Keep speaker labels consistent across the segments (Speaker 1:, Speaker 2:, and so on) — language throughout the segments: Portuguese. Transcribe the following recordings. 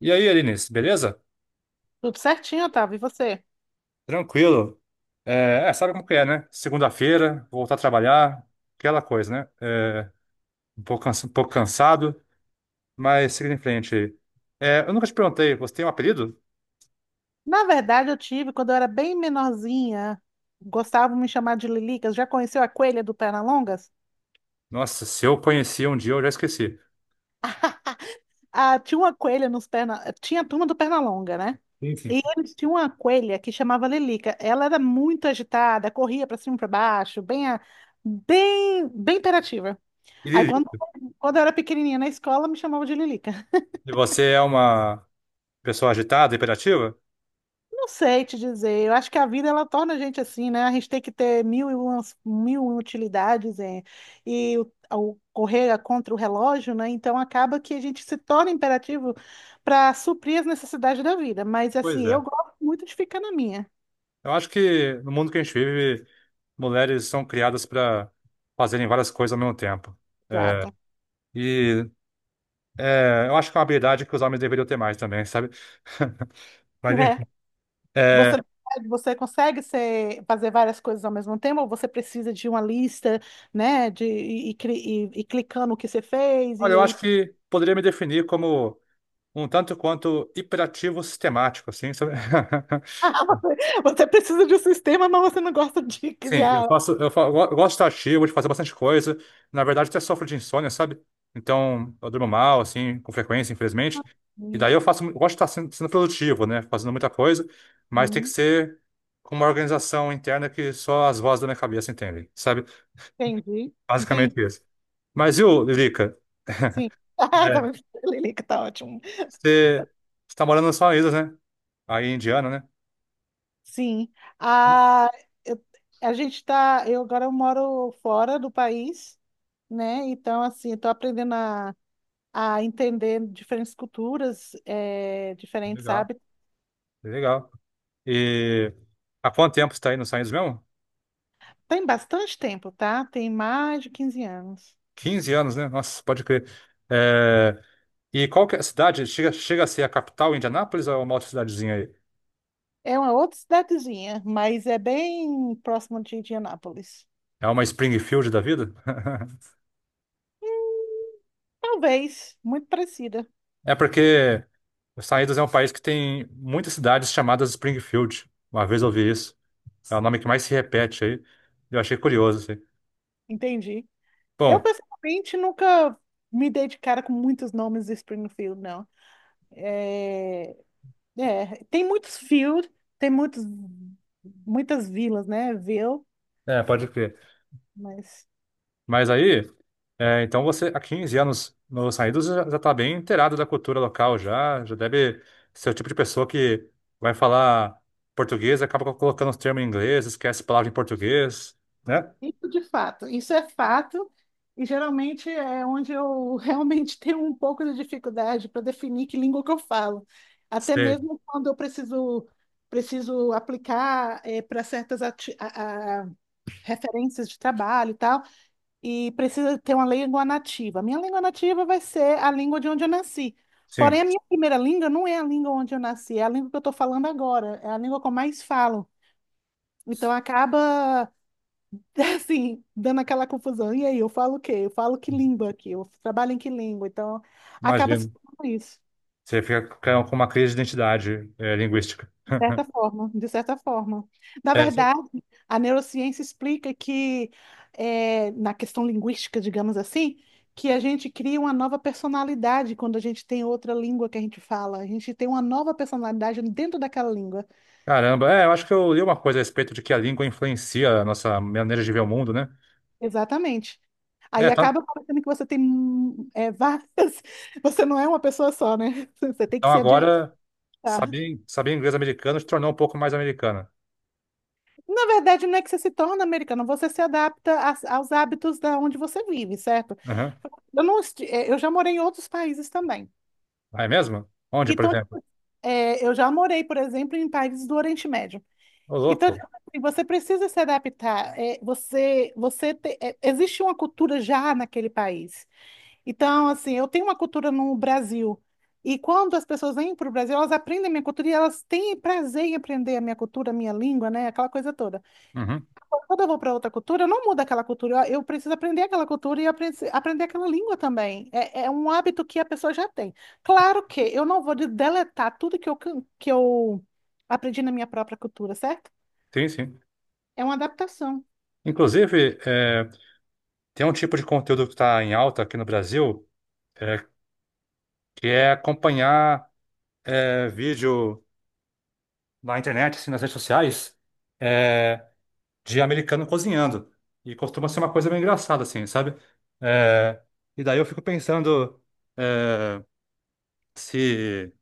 Speaker 1: E aí, Eunice, beleza?
Speaker 2: Tudo certinho, Otávio. E você?
Speaker 1: Tranquilo. Sabe como que é, né? Segunda-feira, voltar a trabalhar, aquela coisa, né? Um pouco, um pouco cansado, mas seguindo em frente aí. Eu nunca te perguntei, você tem um apelido?
Speaker 2: Na verdade, eu tive, quando eu era bem menorzinha, gostavam de me chamar de Lilicas. Já conheceu a coelha do Pernalongas?
Speaker 1: Nossa, se eu conhecia um dia, eu já esqueci.
Speaker 2: Ah, tinha uma coelha nos perna... Tinha a turma do Pernalonga, né?
Speaker 1: Enfim.
Speaker 2: E eles tinham uma coelha que chamava Lilica. Ela era muito agitada, corria para cima e para baixo, bem imperativa.
Speaker 1: E
Speaker 2: Aí, quando,
Speaker 1: Lili,
Speaker 2: quando eu era pequenininha na escola, me chamavam de Lilica.
Speaker 1: e você é uma pessoa agitada, hiperativa?
Speaker 2: Não sei te dizer. Eu acho que a vida, ela torna a gente assim, né? A gente tem que ter mil e uma utilidades, e o correr contra o relógio, né? Então acaba que a gente se torna imperativo para suprir as necessidades da vida. Mas
Speaker 1: Pois
Speaker 2: assim,
Speaker 1: é.
Speaker 2: eu gosto muito de ficar na minha.
Speaker 1: Eu acho que no mundo que a gente vive, mulheres são criadas para fazerem várias coisas ao mesmo tempo. É,
Speaker 2: Exato.
Speaker 1: e eu acho que é uma habilidade que os homens deveriam ter mais também, sabe? Mas,
Speaker 2: É.
Speaker 1: enfim.
Speaker 2: Você,
Speaker 1: É,
Speaker 2: você consegue ser, fazer várias coisas ao mesmo tempo, ou você precisa de uma lista, né? De, e, cri- e clicando o que você fez,
Speaker 1: olha,
Speaker 2: e
Speaker 1: eu
Speaker 2: aí
Speaker 1: acho que poderia me definir como um tanto quanto hiperativo sistemático, assim, sabe?
Speaker 2: Ah, você precisa de um sistema, mas você não gosta de
Speaker 1: Sim, eu
Speaker 2: criar.
Speaker 1: faço, eu, fa- eu go- eu gosto de estar ativo, de fazer bastante coisa. Na verdade, até sofro de insônia, sabe? Então, eu durmo mal, assim, com frequência, infelizmente. E daí eu faço, eu gosto de estar sendo produtivo, né? Fazendo muita coisa, mas tem que
Speaker 2: Uhum,
Speaker 1: ser com uma organização interna que só as vozes da minha cabeça entendem, sabe?
Speaker 2: entendi, entendi.
Speaker 1: Basicamente isso. Mas, viu, Lilica?
Speaker 2: Sim. Ah,
Speaker 1: É,
Speaker 2: tá, Lilica, tá ótimo.
Speaker 1: você está morando nas suas ilhas, né? Aí em Indiana, né?
Speaker 2: Sim. Ah, eu- a gente tá. Eu agora eu moro fora do país, né? Então, assim, estou aprendendo a entender diferentes culturas, diferentes
Speaker 1: Legal,
Speaker 2: hábitos.
Speaker 1: legal. E há quanto tempo você está aí nos Estados Unidos mesmo?
Speaker 2: Tem bastante tempo, tá? Tem mais de 15 anos.
Speaker 1: 15 anos, né? Nossa, pode crer. É, E qual que é a cidade? Chega a ser a capital, Indianápolis, ou é uma outra cidadezinha aí?
Speaker 2: É uma outra cidadezinha, mas é bem próximo de Indianápolis.
Speaker 1: É uma Springfield da vida?
Speaker 2: Talvez, muito parecida.
Speaker 1: É porque os Estados Unidos é um país que tem muitas cidades chamadas Springfield. Uma vez eu ouvi isso. É o nome que mais se repete aí. Eu achei curioso, assim.
Speaker 2: Entendi. Eu,
Speaker 1: Bom,
Speaker 2: pessoalmente, nunca me dei de cara com muitos nomes de Springfield, não. É, tem muitos field, tem muitos, muitas vilas, né? Ville,
Speaker 1: é, pode crer.
Speaker 2: mas
Speaker 1: Mas aí. É, então você, há 15 anos nos Saídos, já está bem inteirado da cultura local já deve ser o tipo de pessoa que vai falar português, acaba colocando os termos em inglês, esquece palavra em português, né?
Speaker 2: isso de fato, isso é fato, e geralmente é onde eu realmente tenho um pouco de dificuldade para definir que língua que eu falo. Até
Speaker 1: Sei,
Speaker 2: mesmo quando eu preciso aplicar para certas referências de trabalho e tal, e precisa ter uma língua nativa. Minha língua nativa vai ser a língua de onde eu nasci.
Speaker 1: sim,
Speaker 2: Porém, a minha primeira língua não é a língua onde eu nasci, é a língua que eu estou falando agora, é a língua que eu mais falo. Então, acaba, assim, dando aquela confusão. E aí, eu falo o quê? Eu falo que língua aqui? Eu trabalho em que língua? Então, acaba se
Speaker 1: imagino.
Speaker 2: tornando isso.
Speaker 1: Você fica com uma crise de identidade, é, linguística.
Speaker 2: De certa forma. Na
Speaker 1: É, sim.
Speaker 2: verdade, a neurociência explica que, na questão linguística, digamos assim, que a gente cria uma nova personalidade quando a gente tem outra língua que a gente fala. A gente tem uma nova personalidade dentro daquela língua.
Speaker 1: Caramba, eu acho que eu li uma coisa a respeito de que a língua influencia a nossa maneira de ver o mundo, né?
Speaker 2: Exatamente.
Speaker 1: É,
Speaker 2: Aí
Speaker 1: tá-
Speaker 2: acaba parecendo que você tem, várias. Você não é uma pessoa só, né? Você tem que
Speaker 1: então
Speaker 2: se
Speaker 1: agora
Speaker 2: adaptar.
Speaker 1: saber inglês americano te tornou um pouco mais americana.
Speaker 2: Na verdade, não é que você se torna americano, você se adapta aos hábitos da onde você vive, certo? Eu não, esti- é, Eu já morei em outros países também.
Speaker 1: Ah, é mesmo? Onde, por
Speaker 2: Então,
Speaker 1: exemplo?
Speaker 2: eu já morei, por exemplo, em países do Oriente Médio.
Speaker 1: Ô,
Speaker 2: Então, tipo
Speaker 1: louco.
Speaker 2: assim, você precisa se adaptar. É, você, existe uma cultura já naquele país. Então, assim, eu tenho uma cultura no Brasil. E quando as pessoas vêm para o Brasil, elas aprendem a minha cultura, e elas têm prazer em aprender a minha cultura, a minha língua, né? Aquela coisa toda.
Speaker 1: Uhum.
Speaker 2: Quando eu vou para outra cultura, eu não mudo aquela cultura, eu preciso aprender aquela cultura e aprender aquela língua também. É, é um hábito que a pessoa já tem. Claro que eu não vou deletar tudo que eu aprendi na minha própria cultura, certo?
Speaker 1: Sim, sim.
Speaker 2: É uma adaptação.
Speaker 1: Inclusive, tem um tipo de conteúdo que está em alta aqui no Brasil, é, que é acompanhar vídeo na internet, assim, nas redes sociais, é, de americano cozinhando. E costuma ser uma coisa bem engraçada, assim, sabe? É, e daí eu fico pensando é, se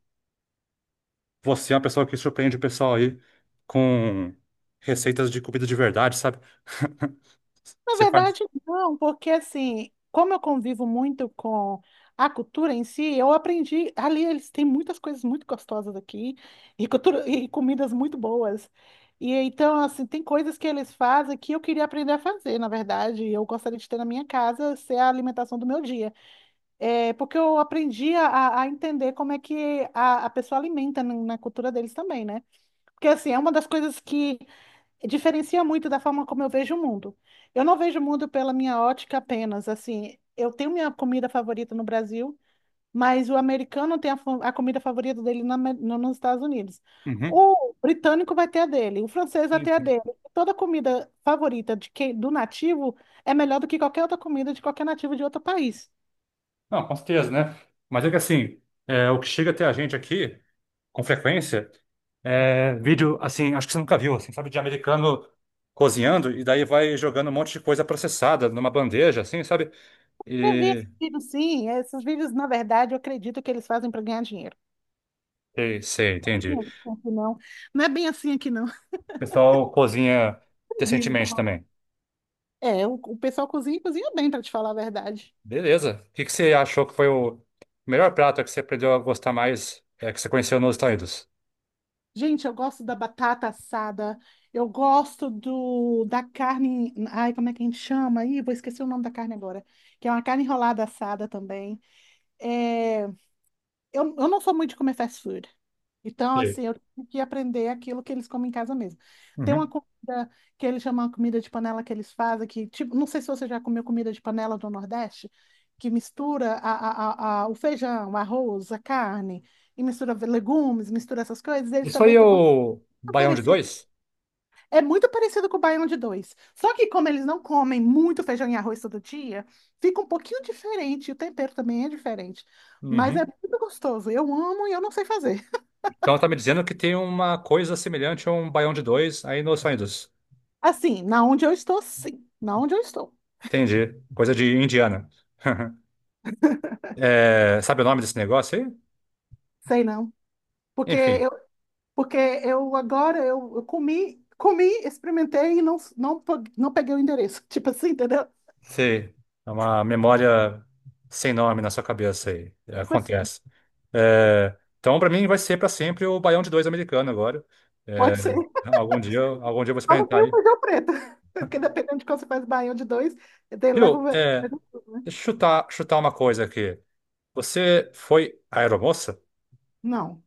Speaker 1: você é uma pessoa que surpreende o pessoal aí com receitas de comida de verdade, sabe?
Speaker 2: Na
Speaker 1: Você faz.
Speaker 2: verdade, não, porque assim, como eu convivo muito com a cultura em si, eu aprendi. Ali eles têm muitas coisas muito gostosas aqui, e cultura, e comidas muito boas. E então, assim, tem coisas que eles fazem que eu queria aprender a fazer, na verdade. E eu gostaria de ter na minha casa, ser a alimentação do meu dia. É, porque eu aprendi a entender como é que a pessoa alimenta na cultura deles também, né? Porque, assim, é uma das coisas que diferencia muito da forma como eu vejo o mundo. Eu não vejo o mundo pela minha ótica apenas, assim, eu tenho minha comida favorita no Brasil, mas o americano tem a comida favorita dele na Ame- no- nos Estados Unidos.
Speaker 1: Uhum.
Speaker 2: O britânico vai ter a dele, o francês vai
Speaker 1: Sim,
Speaker 2: ter a
Speaker 1: sim.
Speaker 2: dele. Toda comida favorita de quem, do nativo, é melhor do que qualquer outra comida de qualquer nativo de outro país.
Speaker 1: Não, com certeza, né? Mas é que assim, o que chega até a gente aqui, com frequência, é vídeo, assim, acho que você nunca viu, assim, sabe, de americano cozinhando e daí vai jogando um monte de coisa processada numa bandeja, assim, sabe?
Speaker 2: Eu vi esses
Speaker 1: E.
Speaker 2: vídeos, sim, esses vídeos, na verdade, eu acredito que eles fazem para ganhar dinheiro.
Speaker 1: Sei, sei, entendi. O
Speaker 2: Não, não é bem assim aqui, não.
Speaker 1: pessoal cozinha
Speaker 2: Vivo.
Speaker 1: decentemente também.
Speaker 2: É, o pessoal cozinha, e cozinha bem, para te falar a verdade.
Speaker 1: Beleza. O que que você achou que foi o melhor prato que você aprendeu a gostar mais, é, que você conheceu nos Estados Unidos?
Speaker 2: Gente, eu gosto da batata assada, eu gosto do, da carne. Ai, como é que a gente chama, aí? Vou esquecer o nome da carne agora. Que é uma carne enrolada assada também. É, eu não sou muito de comer fast food. Então,
Speaker 1: Sei.
Speaker 2: assim, eu tive que aprender aquilo que eles comem em casa mesmo. Tem uma
Speaker 1: Uhum.
Speaker 2: comida que eles chamam de comida de panela, que eles fazem, que, tipo, não sei se você já comeu comida de panela do Nordeste, que mistura o feijão, o arroz, a carne, e mistura legumes, mistura essas coisas. Eles
Speaker 1: Isso aí
Speaker 2: também
Speaker 1: é
Speaker 2: têm uma
Speaker 1: o baião de
Speaker 2: parecida,
Speaker 1: dois?
Speaker 2: é muito parecido com o baião de 2. Só que, como eles não comem muito feijão e arroz todo dia, fica um pouquinho diferente. O tempero também é diferente. Mas é
Speaker 1: Uhum.
Speaker 2: muito gostoso. Eu amo, e eu não sei fazer.
Speaker 1: Então tá me dizendo que tem uma coisa semelhante a um baião de dois aí nos Estados Unidos.
Speaker 2: Assim, na onde eu estou, sim. Na onde eu estou.
Speaker 1: Entendi. Coisa de indiana. Sabe o nome desse negócio aí?
Speaker 2: Sei não. Porque
Speaker 1: Enfim,
Speaker 2: eu, porque eu agora, eu comi, experimentei e não peguei o endereço. Tipo assim, entendeu?
Speaker 1: sei. É uma memória sem nome na sua cabeça aí.
Speaker 2: Tipo assim,
Speaker 1: Acontece. Então para mim vai ser para sempre o baião de dois americano agora. É,
Speaker 2: pode ser.
Speaker 1: algum dia eu vou
Speaker 2: Só não tem
Speaker 1: experimentar
Speaker 2: o
Speaker 1: aí.
Speaker 2: feijão preto. Porque dependendo de quando você faz baião de dois, ele leva
Speaker 1: Viu?
Speaker 2: o...
Speaker 1: É, deixa eu chutar uma coisa aqui. Você foi aeromoça?
Speaker 2: Não.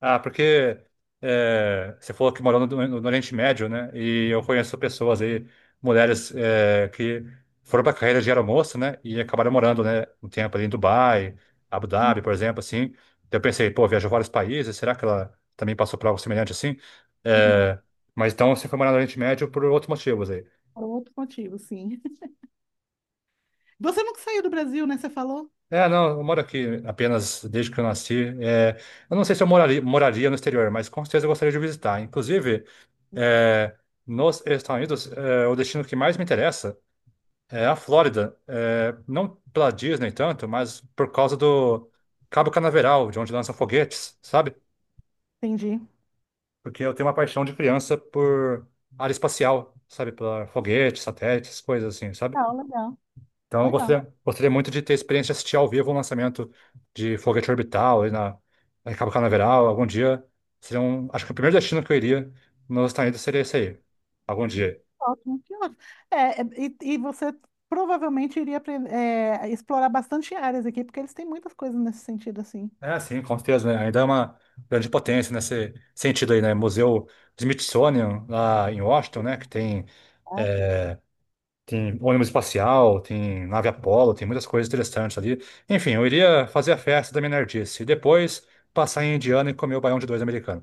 Speaker 1: Ah, porque é, você falou que morou Oriente Médio, né? E eu conheço pessoas aí, mulheres é, que foram para a carreira de aeromoça, né? E acabaram morando, né? Um tempo ali em Dubai, Abu Dhabi, por exemplo, assim. Então eu pensei, pô, viajou vários países, será que ela também passou por algo semelhante assim?
Speaker 2: Não.
Speaker 1: É, mas então você foi morar no Oriente Médio por outros motivos aí.
Speaker 2: Por outro motivo, sim. Você nunca saiu do Brasil, né? Você falou?
Speaker 1: É, não, eu moro aqui apenas desde que eu nasci. É, eu não sei se eu moraria no exterior, mas com certeza eu gostaria de visitar. Inclusive, é, nos Estados Unidos, o destino que mais me interessa é a Flórida. É, não pela Disney tanto, mas por causa do Cabo Canaveral, de onde lançam foguetes, sabe?
Speaker 2: Entendi.
Speaker 1: Porque eu tenho uma paixão de criança por área espacial, sabe? Pela foguetes, satélites, coisas assim, sabe?
Speaker 2: Legal, legal,
Speaker 1: Então,
Speaker 2: legal.
Speaker 1: gostaria muito de ter experiência de assistir ao vivo um lançamento de Foguete Orbital aí na Cabo Canaveral. Algum dia seria um. Acho que o primeiro destino que eu iria nos Estados Unidos seria esse aí. Algum dia.
Speaker 2: Ótimo, que ótimo. E você provavelmente iria explorar bastante áreas aqui, porque eles têm muitas coisas nesse sentido, assim.
Speaker 1: É, sim, com certeza, né? Ainda é uma grande potência nesse sentido aí, né? Museu Smithsonian lá em Washington, né? Que tem,
Speaker 2: Exato.
Speaker 1: é, tem ônibus espacial, tem nave Apollo, tem muitas coisas interessantes ali. Enfim, eu iria fazer a festa da minha nerdice e depois passar em Indiana e comer o baião de dois americano.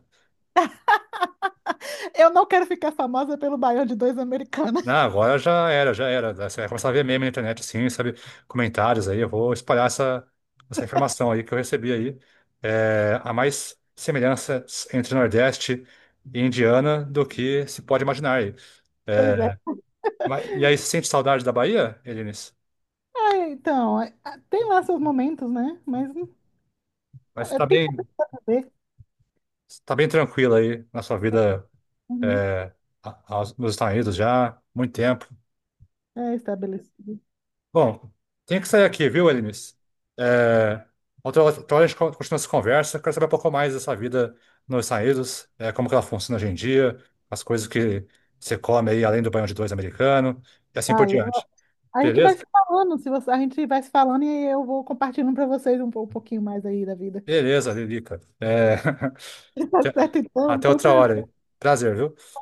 Speaker 2: Eu não quero ficar famosa pelo baião de dois americana.
Speaker 1: Não, agora já era, já era. Você vai começar a ver meme na internet, assim, sabe? Comentários aí. Eu vou espalhar essa informação aí que eu recebi aí. É, há mais semelhanças entre Nordeste e Indiana do que se pode imaginar aí.
Speaker 2: Pois é.
Speaker 1: É, e aí, você sente saudade da Bahia, Elinis?
Speaker 2: Ah, então, tem lá seus momentos, né? Mas
Speaker 1: Mas
Speaker 2: tem que aprender a saber.
Speaker 1: você tá bem tranquilo aí na sua vida,
Speaker 2: Uhum.
Speaker 1: é, nos Estados Unidos já, há muito tempo.
Speaker 2: É estabelecido.
Speaker 1: Bom, tenho que sair aqui, viu, Elinis? É, outra hora a gente continua essa conversa. Quero saber um pouco mais dessa vida nos Estados Unidos, é, como que ela funciona hoje em dia, as coisas que você come aí, além do banho de dois americano, e assim por
Speaker 2: Valeu.
Speaker 1: diante.
Speaker 2: A gente vai
Speaker 1: Beleza?
Speaker 2: se falando, se você, a gente vai se falando e eu vou compartilhando para vocês um, pouquinho mais aí da vida.
Speaker 1: Beleza, Lilica. É,
Speaker 2: Certo, então,
Speaker 1: até
Speaker 2: foi um
Speaker 1: outra hora
Speaker 2: prazer.
Speaker 1: aí. Prazer, viu?